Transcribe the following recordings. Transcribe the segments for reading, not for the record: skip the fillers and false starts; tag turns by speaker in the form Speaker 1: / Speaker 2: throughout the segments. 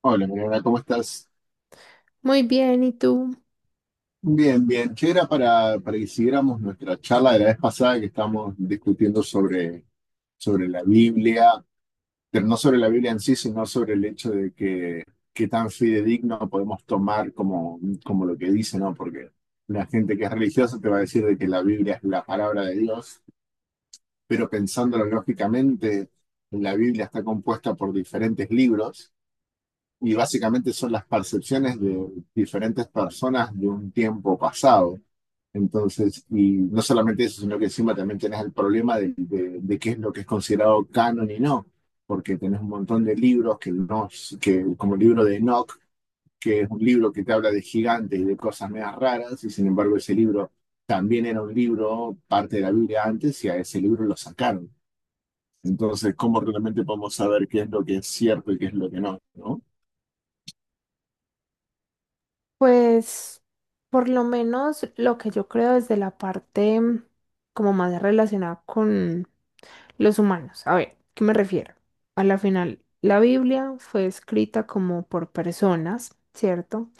Speaker 1: Hola, Mariana, ¿cómo estás?
Speaker 2: Muy bien, ¿y tú?
Speaker 1: Bien, bien. Che, era para que siguiéramos nuestra charla de la vez pasada que estábamos discutiendo sobre la Biblia, pero no sobre la Biblia en sí, sino sobre el hecho de que qué tan fidedigno podemos tomar como lo que dice, ¿no? Porque la gente que es religiosa te va a decir de que la Biblia es la palabra de Dios, pero pensándolo lógicamente, la Biblia está compuesta por diferentes libros y básicamente son las percepciones de diferentes personas de un tiempo pasado. Entonces, y no solamente eso, sino que encima también tenés el problema de qué es lo que es considerado canon y no, porque tenés un montón de libros que no, que, como el libro de Enoch, que es un libro que te habla de gigantes y de cosas medias raras, y sin embargo ese libro también era un libro, parte de la Biblia antes, y a ese libro lo sacaron. Entonces, ¿cómo realmente podemos saber qué es lo que es cierto y qué es lo que no, no?
Speaker 2: Pues por lo menos lo que yo creo desde la parte como más relacionada con los humanos. A ver, ¿qué me refiero? A la final, la Biblia fue escrita como por personas, ¿cierto?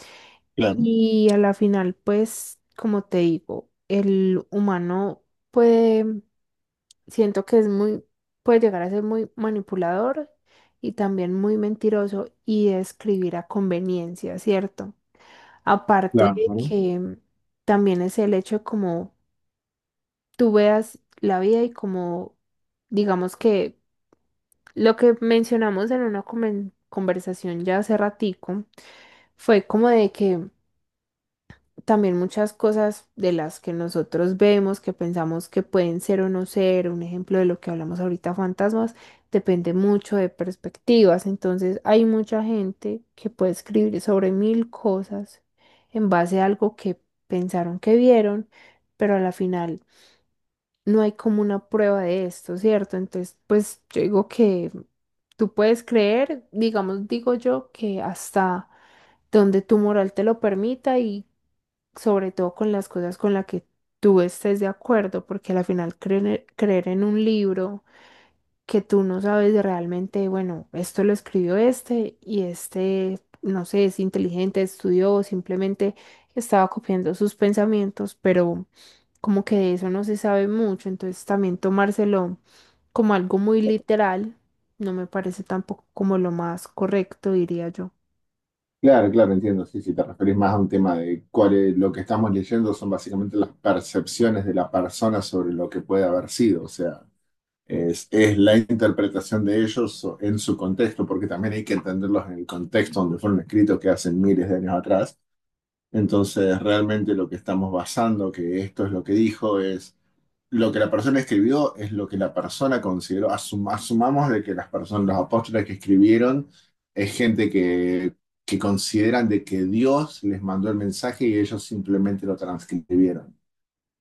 Speaker 1: Claro.
Speaker 2: Y a la final, pues, como te digo, el humano puede, mm, siento que es muy, puede llegar a ser muy manipulador y también muy mentiroso y escribir a conveniencia, ¿cierto? Aparte
Speaker 1: Claro,
Speaker 2: de
Speaker 1: ¿no?
Speaker 2: que también es el hecho de cómo tú veas la vida y cómo, digamos que lo que mencionamos en una conversación ya hace ratico fue como de que también muchas cosas de las que nosotros vemos, que pensamos que pueden ser o no ser, un ejemplo de lo que hablamos ahorita, fantasmas, depende mucho de perspectivas. Entonces hay mucha gente que puede escribir sobre mil cosas en base a algo que pensaron que vieron, pero a la final no hay como una prueba de esto, ¿cierto? Entonces, pues yo digo que tú puedes creer, digamos, digo yo, que hasta donde tu moral te lo permita y sobre todo con las cosas con las que tú estés de acuerdo, porque al final creer, creer en un libro que tú no sabes realmente, bueno, esto lo escribió este y este, no sé, es inteligente, estudió, o simplemente estaba copiando sus pensamientos, pero como que de eso no se sabe mucho, entonces también tomárselo como algo muy literal no me parece tampoco como lo más correcto, diría yo,
Speaker 1: Claro, claro, entiendo. Sí, si te referís más a un tema de cuál es- lo que estamos leyendo son básicamente las percepciones de la persona sobre lo que puede haber sido. O sea, es la interpretación de ellos so- en su contexto, porque también hay que entenderlos en el contexto donde fueron escritos, que hace miles de años atrás. Entonces, realmente lo que estamos basando, que esto es lo que dijo, es lo que la persona escribió es lo que la persona consideró. Asum- asumamos de que las personas, los apóstoles que escribieron es gente que consideran de que Dios les mandó el mensaje y ellos simplemente lo transcribieron.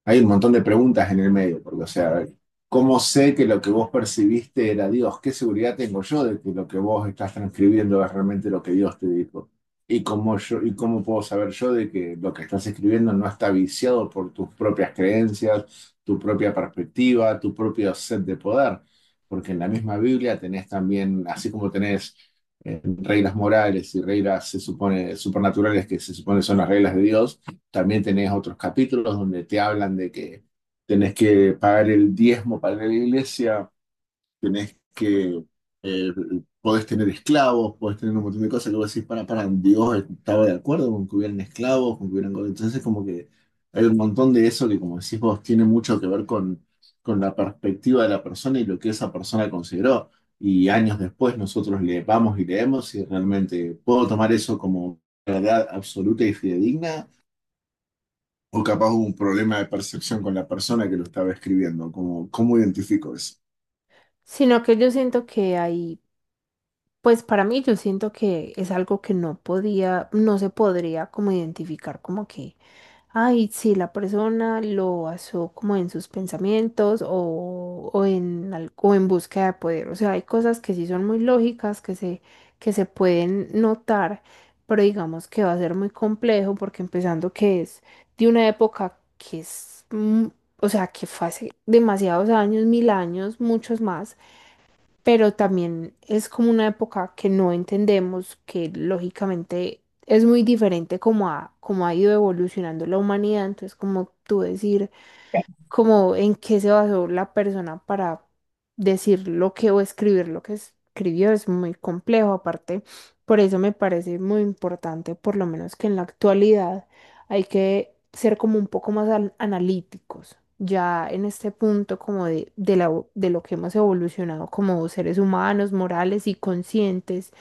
Speaker 1: Hay un montón de preguntas en el medio, porque, o sea, ¿cómo sé que lo que vos percibiste era Dios? ¿Qué seguridad tengo yo de que lo que vos estás transcribiendo es realmente lo que Dios te dijo? ¿Y cómo, yo, y cómo puedo saber yo de que lo que estás escribiendo no está viciado por tus propias creencias, tu propia perspectiva, tu propio set de poder? Porque en la misma Biblia tenés también, así como tenés reglas morales y reglas, se supone, supernaturales que se supone son las reglas de Dios, también tenés otros capítulos donde te hablan de que tenés que pagar el diezmo para ir a la iglesia, tenés que, eh, podés tener esclavos, podés tener un montón de cosas que vos decís, Dios estaba de acuerdo con que hubieran esclavos, con que hubieran... Entonces como que hay un montón de eso que como decís vos tiene mucho que ver con la perspectiva de la persona y lo que esa persona consideró. Y años después nosotros le vamos y leemos y realmente puedo tomar eso como verdad absoluta y fidedigna o capaz hubo un problema de percepción con la persona que lo estaba escribiendo. Como, ¿cómo identifico eso?
Speaker 2: sino que yo siento que hay pues para mí yo siento que es algo que no podía, no se podría como identificar como que, ay, si la persona lo basó como en sus pensamientos o o en búsqueda de poder. O sea, hay cosas que sí son muy lógicas, que se pueden notar, pero digamos que va a ser muy complejo porque empezando que es de una época que es, o sea, que fue hace demasiados años, mil años, muchos más, pero también es como una época que no entendemos, que lógicamente es muy diferente como como ha ido evolucionando la humanidad, entonces como tú decir, como en qué se basó la persona para decir lo que o escribir lo que escribió es muy complejo. Aparte, por eso me parece muy importante, por lo menos que en la actualidad hay que ser como un poco más analíticos. Ya en este punto como de lo que hemos evolucionado como seres humanos, morales y conscientes,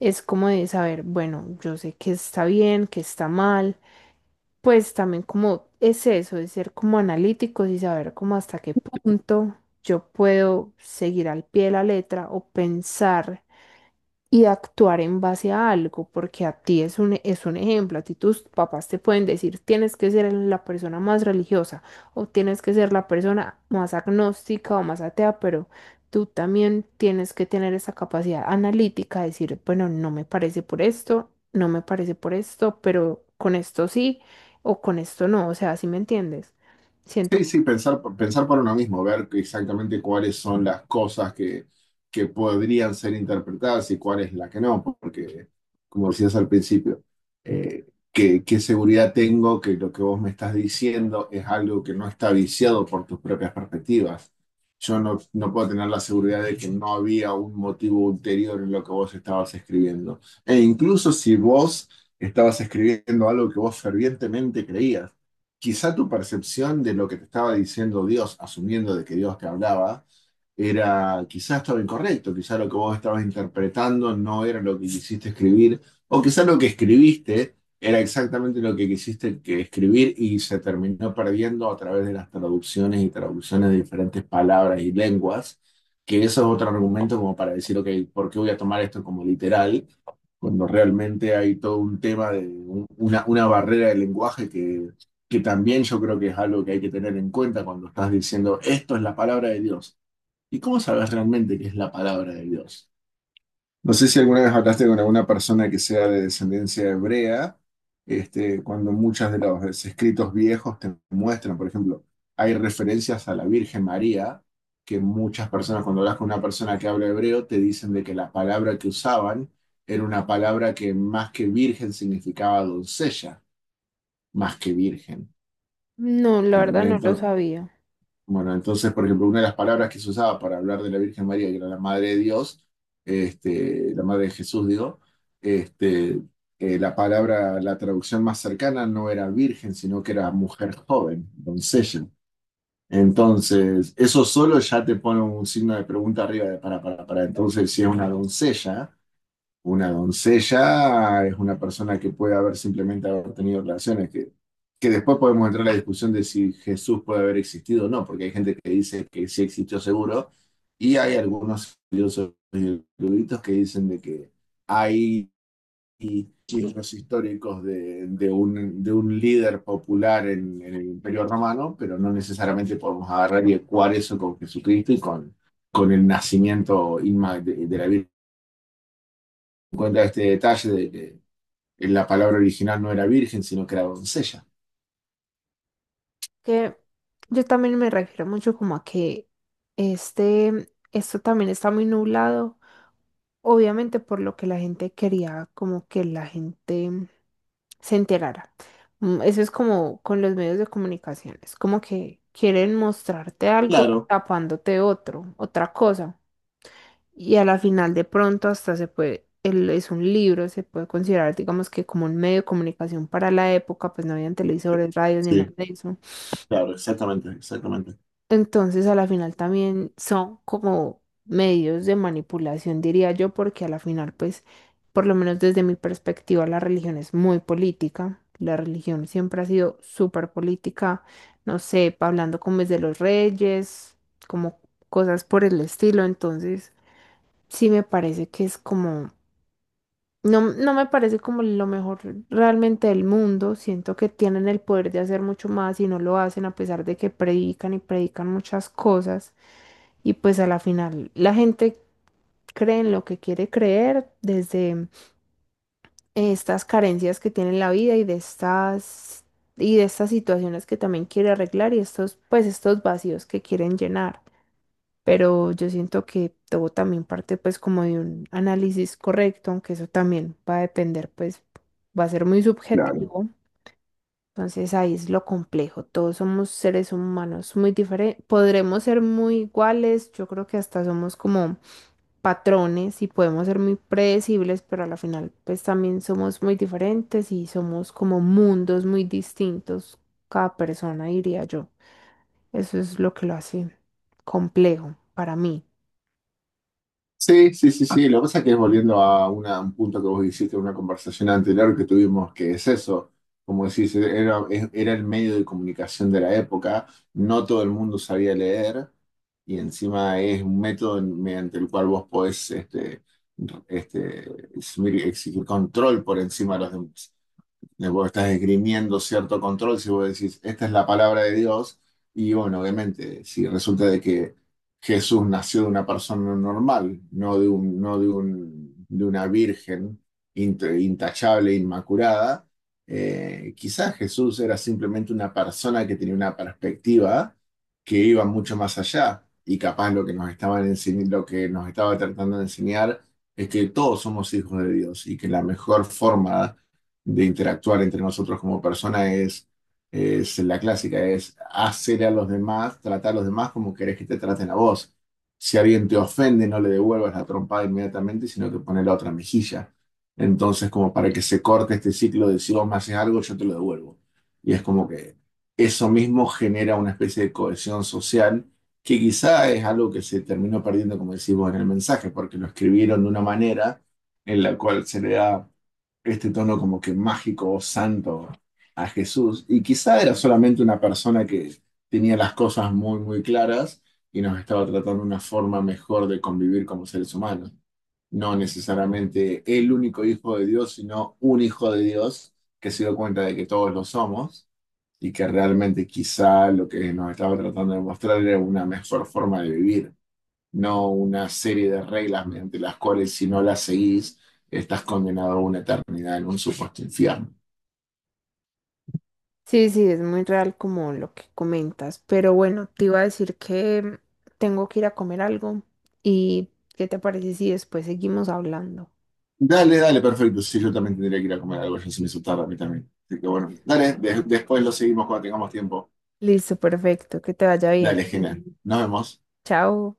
Speaker 2: es como de saber, bueno, yo sé que está bien, que está mal, pues también como es eso, de ser como analíticos y saber como hasta qué punto yo puedo seguir al pie de la letra o pensar y actuar en base a algo, porque a ti es un ejemplo, a ti tus papás te pueden decir, tienes que ser la persona más religiosa o tienes que ser la persona más agnóstica o más atea, pero tú también tienes que tener esa capacidad analítica de decir, bueno, no me parece por esto, no me parece por esto, pero con esto sí o con esto no, o sea, ¿si me entiendes?
Speaker 1: Sí,
Speaker 2: Siento,
Speaker 1: sí, pensar por uno mismo, ver que exactamente cuáles son las cosas que podrían ser interpretadas y cuál es la que no, porque, como decías al principio, eh, qué seguridad tengo que lo que vos me estás diciendo es algo que no está viciado por tus propias perspectivas? Yo no puedo tener la seguridad de que no había un motivo ulterior en lo que vos estabas escribiendo. E incluso si vos estabas escribiendo algo que vos fervientemente creías, quizá tu percepción de lo que te estaba diciendo Dios, asumiendo de que Dios te hablaba, era, quizá estaba incorrecto, quizá lo que vos estabas interpretando no era lo que quisiste escribir, o quizá lo que escribiste era exactamente lo que quisiste que escribir y se terminó perdiendo a través de las traducciones y traducciones de diferentes palabras y lenguas, que eso es otro argumento como para decir, ok, ¿por qué voy a tomar esto como literal cuando realmente hay todo un tema de un- una barrera de lenguaje que también yo creo que es algo que hay que tener en cuenta cuando estás diciendo esto es la palabra de Dios? ¿Y cómo sabes realmente qué es la palabra de Dios? No sé si alguna vez hablaste con alguna persona que sea de descendencia hebrea, este, cuando muchos de los escritos viejos te muestran, por ejemplo, hay referencias a la Virgen María, que muchas personas, cuando hablas con una persona que habla hebreo, te dicen de que la palabra que usaban era una palabra que más que virgen significaba doncella, más que virgen.
Speaker 2: no, la verdad
Speaker 1: ¿Entendés?
Speaker 2: no lo
Speaker 1: Entonces,
Speaker 2: sabía.
Speaker 1: bueno, entonces, por ejemplo, una de las palabras que se usaba para hablar de la Virgen María, que era la Madre de Dios, este, la Madre de Jesús, digo, este, la palabra, la traducción más cercana no era virgen, sino que era mujer joven, doncella. Entonces, eso solo ya te pone un signo de pregunta arriba de para, para. Entonces, si es una doncella es una persona que puede haber simplemente haber tenido relaciones, que después podemos entrar a la discusión de si Jesús puede haber existido o no, porque hay gente que dice que sí existió seguro, y hay algunos estudiosos y eruditos que dicen de que hay signos históricos de un líder popular en el Imperio Romano, pero no necesariamente podemos agarrar y ecuar eso con Jesucristo y con el nacimiento inma- de la Virgen. Cuenta este detalle de que en la palabra original no era virgen, sino que era doncella.
Speaker 2: Que yo también me refiero mucho como a que este, esto también está muy nublado, obviamente por lo que la gente quería, como que la gente se enterara. Eso es como con los medios de comunicación, es como que quieren mostrarte algo
Speaker 1: Claro,
Speaker 2: tapándote otro, otra cosa. Y a la final de pronto hasta se puede, es un libro, se puede considerar, digamos que como un medio de comunicación para la época, pues no habían televisores, radios ni nada
Speaker 1: sí,
Speaker 2: de eso.
Speaker 1: claro, exactamente, exactamente.
Speaker 2: Entonces, a la final también son como medios de manipulación, diría yo, porque a la final, pues, por lo menos desde mi perspectiva, la religión es muy política. La religión siempre ha sido súper política, no sé, hablando como es de los reyes, como cosas por el estilo. Entonces, sí me parece que es como, no, no me parece como lo mejor realmente del mundo. Siento que tienen el poder de hacer mucho más y no lo hacen a pesar de que predican y predican muchas cosas. Y pues a la final la gente cree en lo que quiere creer desde estas carencias que tiene en la vida y de estas situaciones que también quiere arreglar y estos, pues estos vacíos que quieren llenar. Pero yo siento que todo también parte pues como de un análisis correcto, aunque eso también va a depender, pues va a ser muy
Speaker 1: Claro.
Speaker 2: subjetivo. Entonces ahí es lo complejo. Todos somos seres humanos muy diferentes. Podremos ser muy iguales. Yo creo que hasta somos como patrones y podemos ser muy predecibles, pero a la final pues también somos muy diferentes y somos como mundos muy distintos cada persona, diría yo. Eso es lo que lo hace complejo para mí.
Speaker 1: Sí, sí, sí, sí. Lo que pasa es que volviendo a una- un punto que vos hiciste en una conversación anterior que tuvimos, que es eso. Como decís, es- era el medio de comunicación de la época, no todo el mundo sabía leer, y encima es un método en- mediante el cual vos podés eximir- exigir control por encima de los demás. De vos estás esgrimiendo cierto control, si vos decís, esta es la palabra de Dios, y bueno, obviamente, si resulta de que Jesús nació de una persona normal, no de un, no de un, de una virgen int- intachable, inmaculada, quizás Jesús era simplemente una persona que tenía una perspectiva que iba mucho más allá, y capaz lo que nos estaban enseñ- lo que nos estaba tratando de enseñar es que todos somos hijos de Dios y que la mejor forma de interactuar entre nosotros como personas es la clásica, es hacer a los demás, tratar a los demás como querés que te traten a vos. Si alguien te ofende, no le devuelvas la trompada inmediatamente, sino que pones la otra mejilla. Entonces, como para que se corte este ciclo de si vos me haces algo, yo te lo devuelvo. Y es como que eso mismo genera una especie de cohesión social que quizá es algo que se terminó perdiendo, como decimos en el mensaje, porque lo escribieron de una manera en la cual se le da este tono como que mágico o santo a Jesús. Y quizá era solamente una persona que tenía las cosas muy, muy claras y nos estaba tratando una forma mejor de convivir como seres humanos. No necesariamente el único hijo de Dios, sino un hijo de Dios que se dio cuenta de que todos lo somos y que realmente quizá lo que nos estaba tratando de mostrar era una mejor forma de vivir, no una serie de reglas mediante las cuales si no las seguís, estás condenado a una eternidad en un supuesto infierno.
Speaker 2: Sí, sí, es muy real como lo que comentas, pero bueno, te iba a decir que tengo que ir a comer algo y ¿qué te parece si después seguimos hablando?
Speaker 1: Dale, dale, perfecto. Sí, yo también tendría que ir a comer algo, ya se me hizo tarde a mí también. Así que bueno, dale, de- después lo seguimos cuando tengamos tiempo.
Speaker 2: Listo, perfecto, que te vaya bien.
Speaker 1: Dale, genial. Nos vemos.
Speaker 2: Chao.